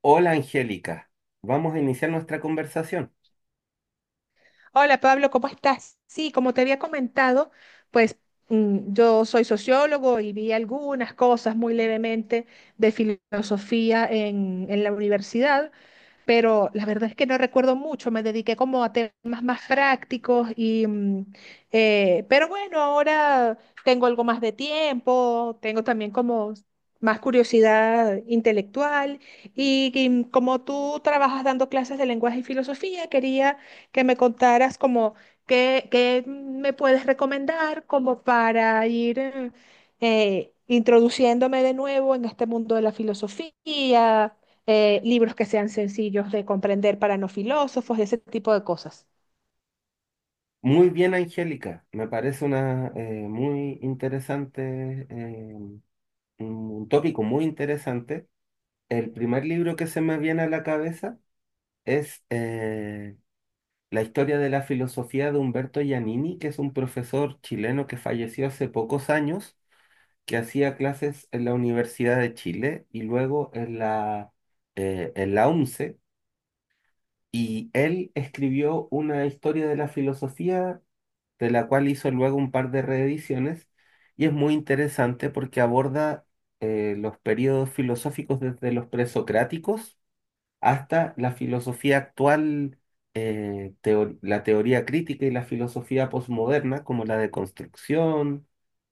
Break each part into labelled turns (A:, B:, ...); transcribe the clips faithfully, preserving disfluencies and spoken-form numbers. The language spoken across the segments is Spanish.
A: Hola Angélica, vamos a iniciar nuestra conversación.
B: Hola Pablo, ¿cómo estás? Sí, como te había comentado, pues mm, yo soy sociólogo y vi algunas cosas muy levemente de filosofía en, en la universidad, pero la verdad es que no recuerdo mucho, me dediqué como a temas más prácticos y, mm, eh, pero bueno, ahora tengo algo más de tiempo, tengo también como más curiosidad intelectual y, y mm, como tú trabajas dando clases de lenguaje y filosofía, quería que me contaras como qué, qué me puedes recomendar como para ir... eh, eh, introduciéndome de nuevo en este mundo de la filosofía, eh, libros que sean sencillos de comprender para no filósofos y ese tipo de cosas.
A: Muy bien, Angélica, me parece una eh, muy interesante, eh, un tópico muy interesante. El primer libro que se me viene a la cabeza es eh, La historia de la filosofía de Humberto Giannini, que es un profesor chileno que falleció hace pocos años, que hacía clases en la Universidad de Chile y luego en la, eh, en la U N C E. Y él escribió una historia de la filosofía, de la cual hizo luego un par de reediciones, y es muy interesante porque aborda eh, los periodos filosóficos desde los presocráticos hasta la filosofía actual, eh, teo- la teoría crítica y la filosofía posmoderna, como la deconstrucción,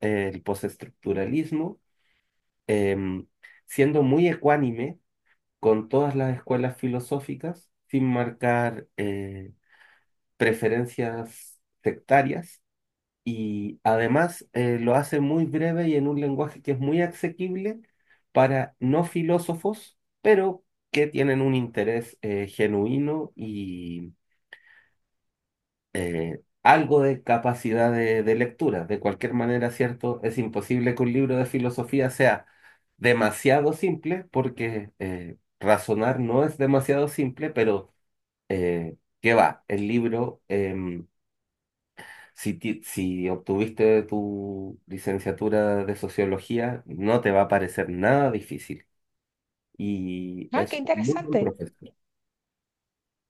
A: eh, el postestructuralismo, em, siendo muy ecuánime con todas las escuelas filosóficas, sin marcar... eh, preferencias sectarias, y además eh, lo hace muy breve y en un lenguaje que es muy asequible para no filósofos, pero que tienen un interés eh, genuino y eh, algo de capacidad de, de lectura. De cualquier manera, cierto, es imposible que un libro de filosofía sea demasiado simple porque eh, razonar no es demasiado simple, pero... eh, ¿qué va? El libro eh, Si, ti- si obtuviste tu licenciatura de sociología, no te va a parecer nada difícil. Y
B: Ah, qué
A: es un muy buen
B: interesante.
A: profesor.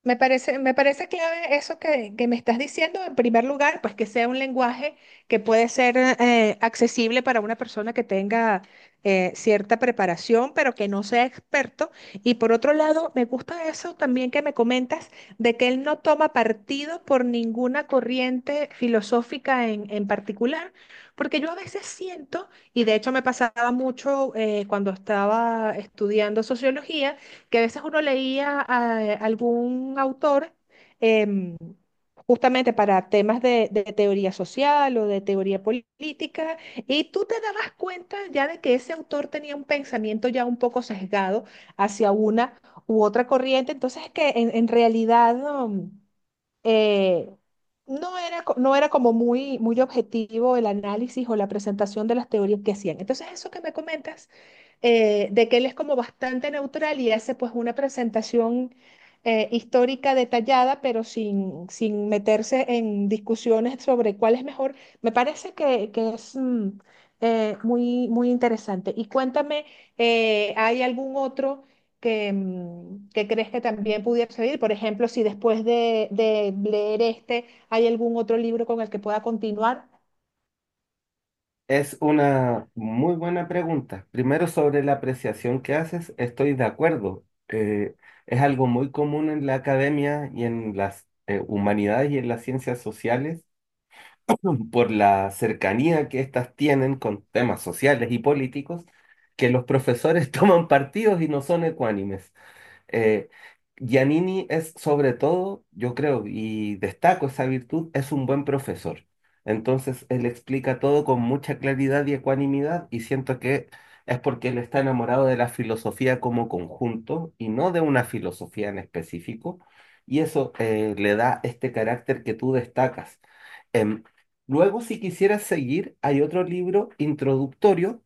B: Me parece, me parece clave eso que, que me estás diciendo. En primer lugar, pues que sea un lenguaje que puede ser eh, accesible para una persona que tenga eh, cierta preparación, pero que no sea experto. Y por otro lado, me gusta eso también que me comentas de que él no toma partido por ninguna corriente filosófica en, en particular, porque yo a veces siento, y de hecho me pasaba mucho eh, cuando estaba estudiando sociología, que a veces uno leía a algún autor em, justamente para temas de, de teoría social o de teoría política, y tú te dabas cuenta ya de que ese autor tenía un pensamiento ya un poco sesgado hacia una u otra corriente, entonces que en, en realidad... no, eh, no era, co- no era como muy, muy objetivo el análisis o la presentación de las teorías que hacían. Entonces, eso que me comentas, eh, de que él es como bastante neutral y hace pues una presentación eh, histórica detallada, pero sin, sin meterse en discusiones sobre cuál es mejor, me parece que, que es mm, eh, muy, muy interesante. Y cuéntame, eh, ¿hay algún otro que, mm, que crees que también pudiera servir? Por ejemplo, si después de, de leer este hay algún otro libro con el que pueda continuar.
A: Es una muy buena pregunta. Primero, sobre la apreciación que haces, estoy de acuerdo. Eh, es algo muy común en la academia y en las eh, humanidades y en las ciencias sociales, por la cercanía que éstas tienen con temas sociales y políticos, que los profesores toman partidos y no son ecuánimes. Eh, Giannini es sobre todo, yo creo, y destaco esa virtud, es un buen profesor. Entonces, él explica todo con mucha claridad y ecuanimidad, y siento que es porque él está enamorado de la filosofía como conjunto y no de una filosofía en específico. Y eso eh, le da este carácter que tú destacas. Em, Luego, si quisieras seguir, hay otro libro introductorio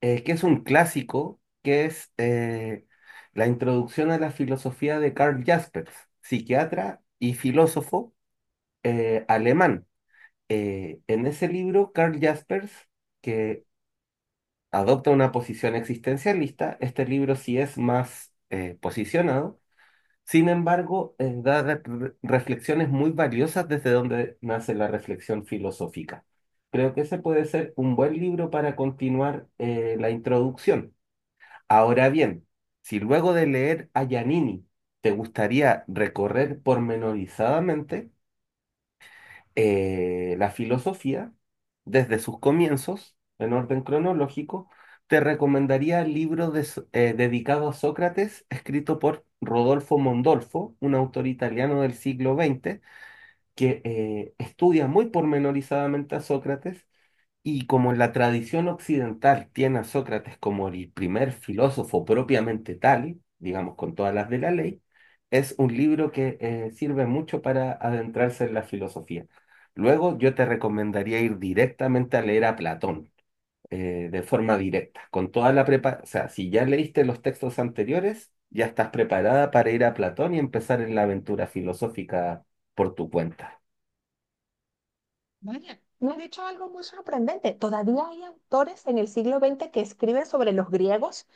A: eh, que es un clásico, que es eh, la introducción a la filosofía de Karl Jaspers, psiquiatra y filósofo eh, alemán. Eh, en ese libro, Karl Jaspers, que adopta una posición existencialista, este libro sí es más eh, posicionado. Sin embargo, eh, da re- re- reflexiones muy valiosas desde donde nace la reflexión filosófica. Creo que ese puede ser un buen libro para continuar eh, la introducción. Ahora bien, si luego de leer a Giannini te gustaría recorrer pormenorizadamente eh, la filosofía desde sus comienzos, en orden cronológico, te recomendaría el libro de So- eh, dedicado a Sócrates, escrito por Rodolfo Mondolfo, un autor italiano del siglo veinte, que eh, estudia muy pormenorizadamente a Sócrates. Y como la tradición occidental tiene a Sócrates como el primer filósofo propiamente tal, digamos, con todas las de la ley, es un libro que eh, sirve mucho para adentrarse en la filosofía. Luego yo te recomendaría ir directamente a leer a Platón, eh, de forma directa, con toda la prepa, o sea, si ya leíste los textos anteriores, ya estás preparada para ir a Platón y empezar en la aventura filosófica por tu cuenta.
B: Vaya, me has dicho algo muy sorprendente. Todavía hay autores en el siglo veinte que escriben sobre los griegos.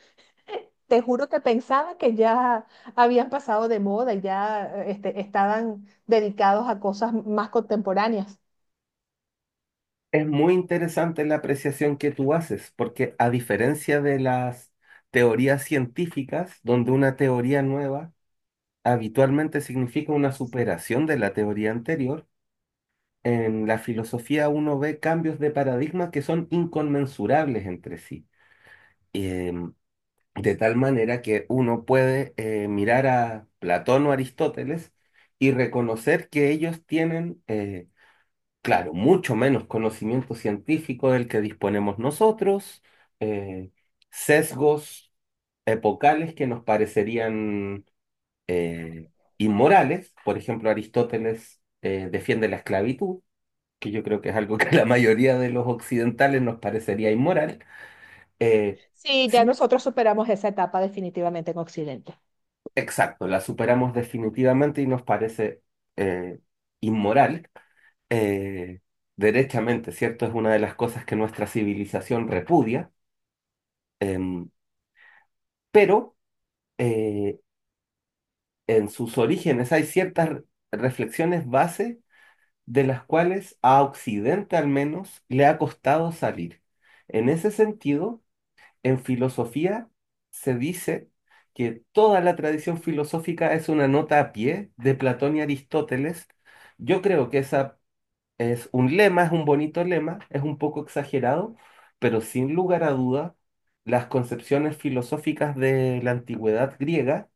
B: Te juro que pensaba que ya habían pasado de moda y ya eh, este, estaban dedicados a cosas más contemporáneas.
A: Es muy interesante la apreciación que tú haces, porque a diferencia de las teorías científicas, donde una teoría nueva habitualmente significa una superación de la teoría anterior, en la filosofía uno ve cambios de paradigma que son inconmensurables entre sí. Em, de tal manera que uno puede eh, mirar a Platón o Aristóteles y reconocer que ellos tienen... eh, claro, mucho menos conocimiento científico del que disponemos nosotros, eh, sesgos epocales que nos parecerían eh, inmorales. Por ejemplo, Aristóteles eh, defiende la esclavitud, que yo creo que es algo que a la mayoría de los occidentales nos parecería inmoral. Eh,
B: Sí, ya
A: sí,
B: nosotros superamos esa etapa definitivamente en Occidente.
A: exacto, la superamos definitivamente y nos parece eh, inmoral. eh, Derechamente, ¿cierto? Es una de las cosas que nuestra civilización repudia. Em, pero eh, en sus orígenes hay ciertas re- reflexiones base de las cuales a Occidente al menos le ha costado salir. En ese sentido, en filosofía se dice que toda la tradición filosófica es una nota a pie de Platón y Aristóteles. Yo creo que esa es un lema, es un bonito lema, es un poco exagerado, pero sin lugar a duda, las concepciones filosóficas de la antigüedad griega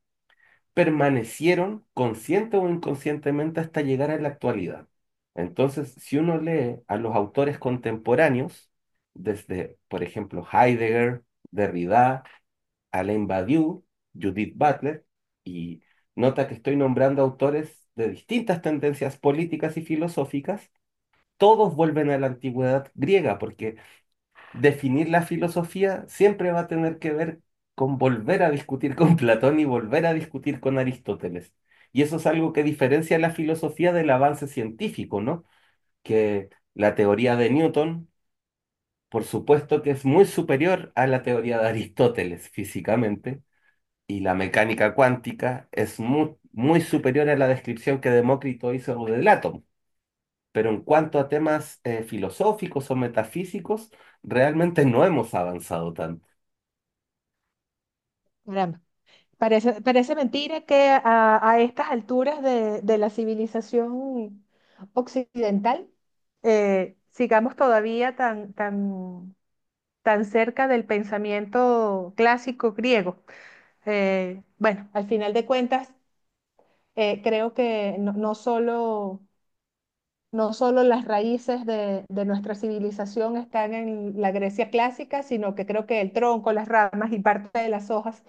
A: permanecieron consciente o inconscientemente hasta llegar a la actualidad. Entonces, si uno lee a los autores contemporáneos, desde, por ejemplo, Heidegger, Derrida, Alain Badiou, Judith Butler, y nota que estoy nombrando autores de distintas tendencias políticas y filosóficas, todos vuelven a la antigüedad griega, porque definir la filosofía siempre va a tener que ver con volver a discutir con Platón y volver a discutir con Aristóteles. Y eso es algo que diferencia la filosofía del avance científico, ¿no? Que la teoría de Newton, por supuesto que es muy superior a la teoría de Aristóteles físicamente, y la mecánica cuántica es muy, muy superior a la descripción que Demócrito hizo del átomo. Pero en cuanto a temas eh, filosóficos o metafísicos, realmente no hemos avanzado tanto.
B: Caramba, parece, parece mentira que a, a estas alturas de, de la civilización occidental eh, sigamos todavía tan, tan, tan cerca del pensamiento clásico griego. Eh, bueno, al final de cuentas, eh, creo que no, no solo no solo las raíces de, de nuestra civilización están en la Grecia clásica, sino que creo que el tronco, las ramas y parte de las hojas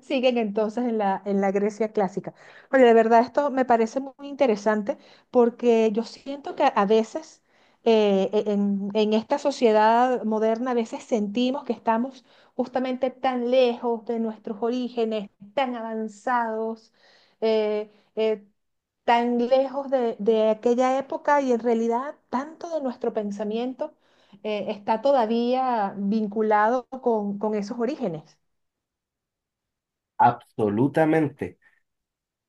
B: siguen entonces en la, en la Grecia clásica. Oye, de verdad esto me parece muy interesante porque yo siento que a veces eh, e- en, en esta sociedad moderna, a veces sentimos que estamos justamente tan lejos de nuestros orígenes, tan avanzados, eh, eh, tan lejos de, de aquella época y en realidad tanto de nuestro pensamiento eh, está todavía vinculado con, con esos orígenes.
A: Absolutamente.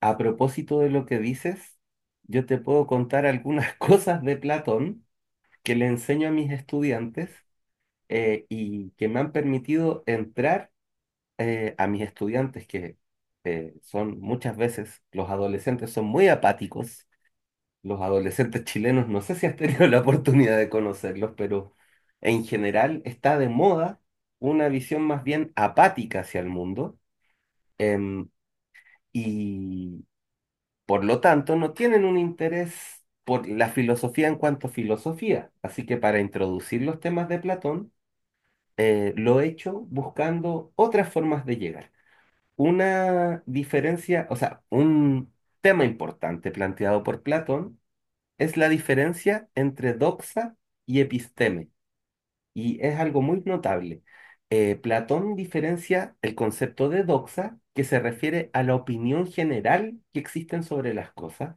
A: A propósito de lo que dices, yo te puedo contar algunas cosas de Platón que le enseño a mis estudiantes eh, y que me han permitido entrar eh, a mis estudiantes, que eh, son muchas veces, los adolescentes son muy apáticos. Los adolescentes chilenos, no sé si has tenido la oportunidad de conocerlos, pero en general está de moda una visión más bien apática hacia el mundo. em, y por lo tanto, no tienen un interés por la filosofía en cuanto a filosofía. Así que para introducir los temas de Platón, eh, lo he hecho buscando otras formas de llegar. Una diferencia, o sea, un tema importante planteado por Platón es la diferencia entre doxa y episteme. Y es algo muy notable. Eh, Platón diferencia el concepto de doxa, que se refiere a la opinión general que existen sobre las cosas,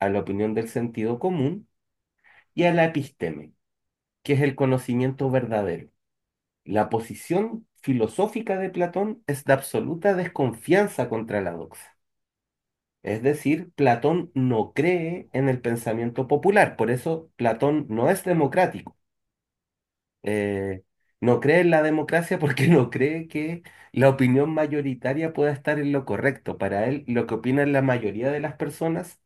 A: a la opinión del sentido común, y a la episteme, que es el conocimiento verdadero. La posición filosófica de Platón es de absoluta desconfianza contra la doxa. Es decir, Platón no cree en el pensamiento popular, por eso Platón no es democrático. eh, no cree en la democracia porque no cree que la opinión mayoritaria pueda estar en lo correcto. Para él, lo que opinan la mayoría de las personas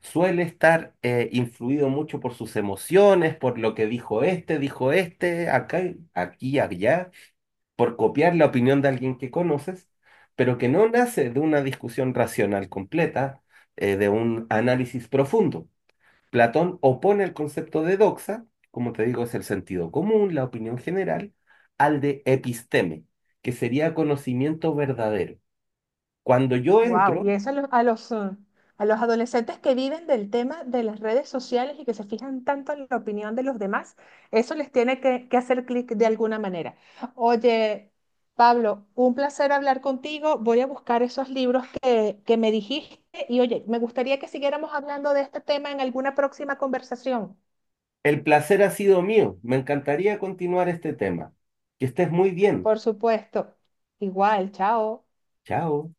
A: suele estar eh, influido mucho por sus emociones, por lo que dijo este, dijo este, acá, aquí, allá, por copiar la opinión de alguien que conoces, pero que no nace de una discusión racional completa, eh, de un análisis profundo. Platón opone el concepto de doxa, como te digo, es el sentido común, la opinión general, al de episteme, que sería conocimiento verdadero. Cuando yo
B: Wow,
A: entro,
B: y eso a los, a los, eh, a los adolescentes que viven del tema de las redes sociales y que se fijan tanto en la opinión de los demás, eso les tiene que, que hacer clic de alguna manera. Oye, Pablo, un placer hablar contigo. Voy a buscar esos libros que, que me dijiste y oye, me gustaría que siguiéramos hablando de este tema en alguna próxima conversación.
A: el placer ha sido mío. Me encantaría continuar este tema. Que estés muy bien.
B: Por supuesto. Igual, chao.
A: Chao.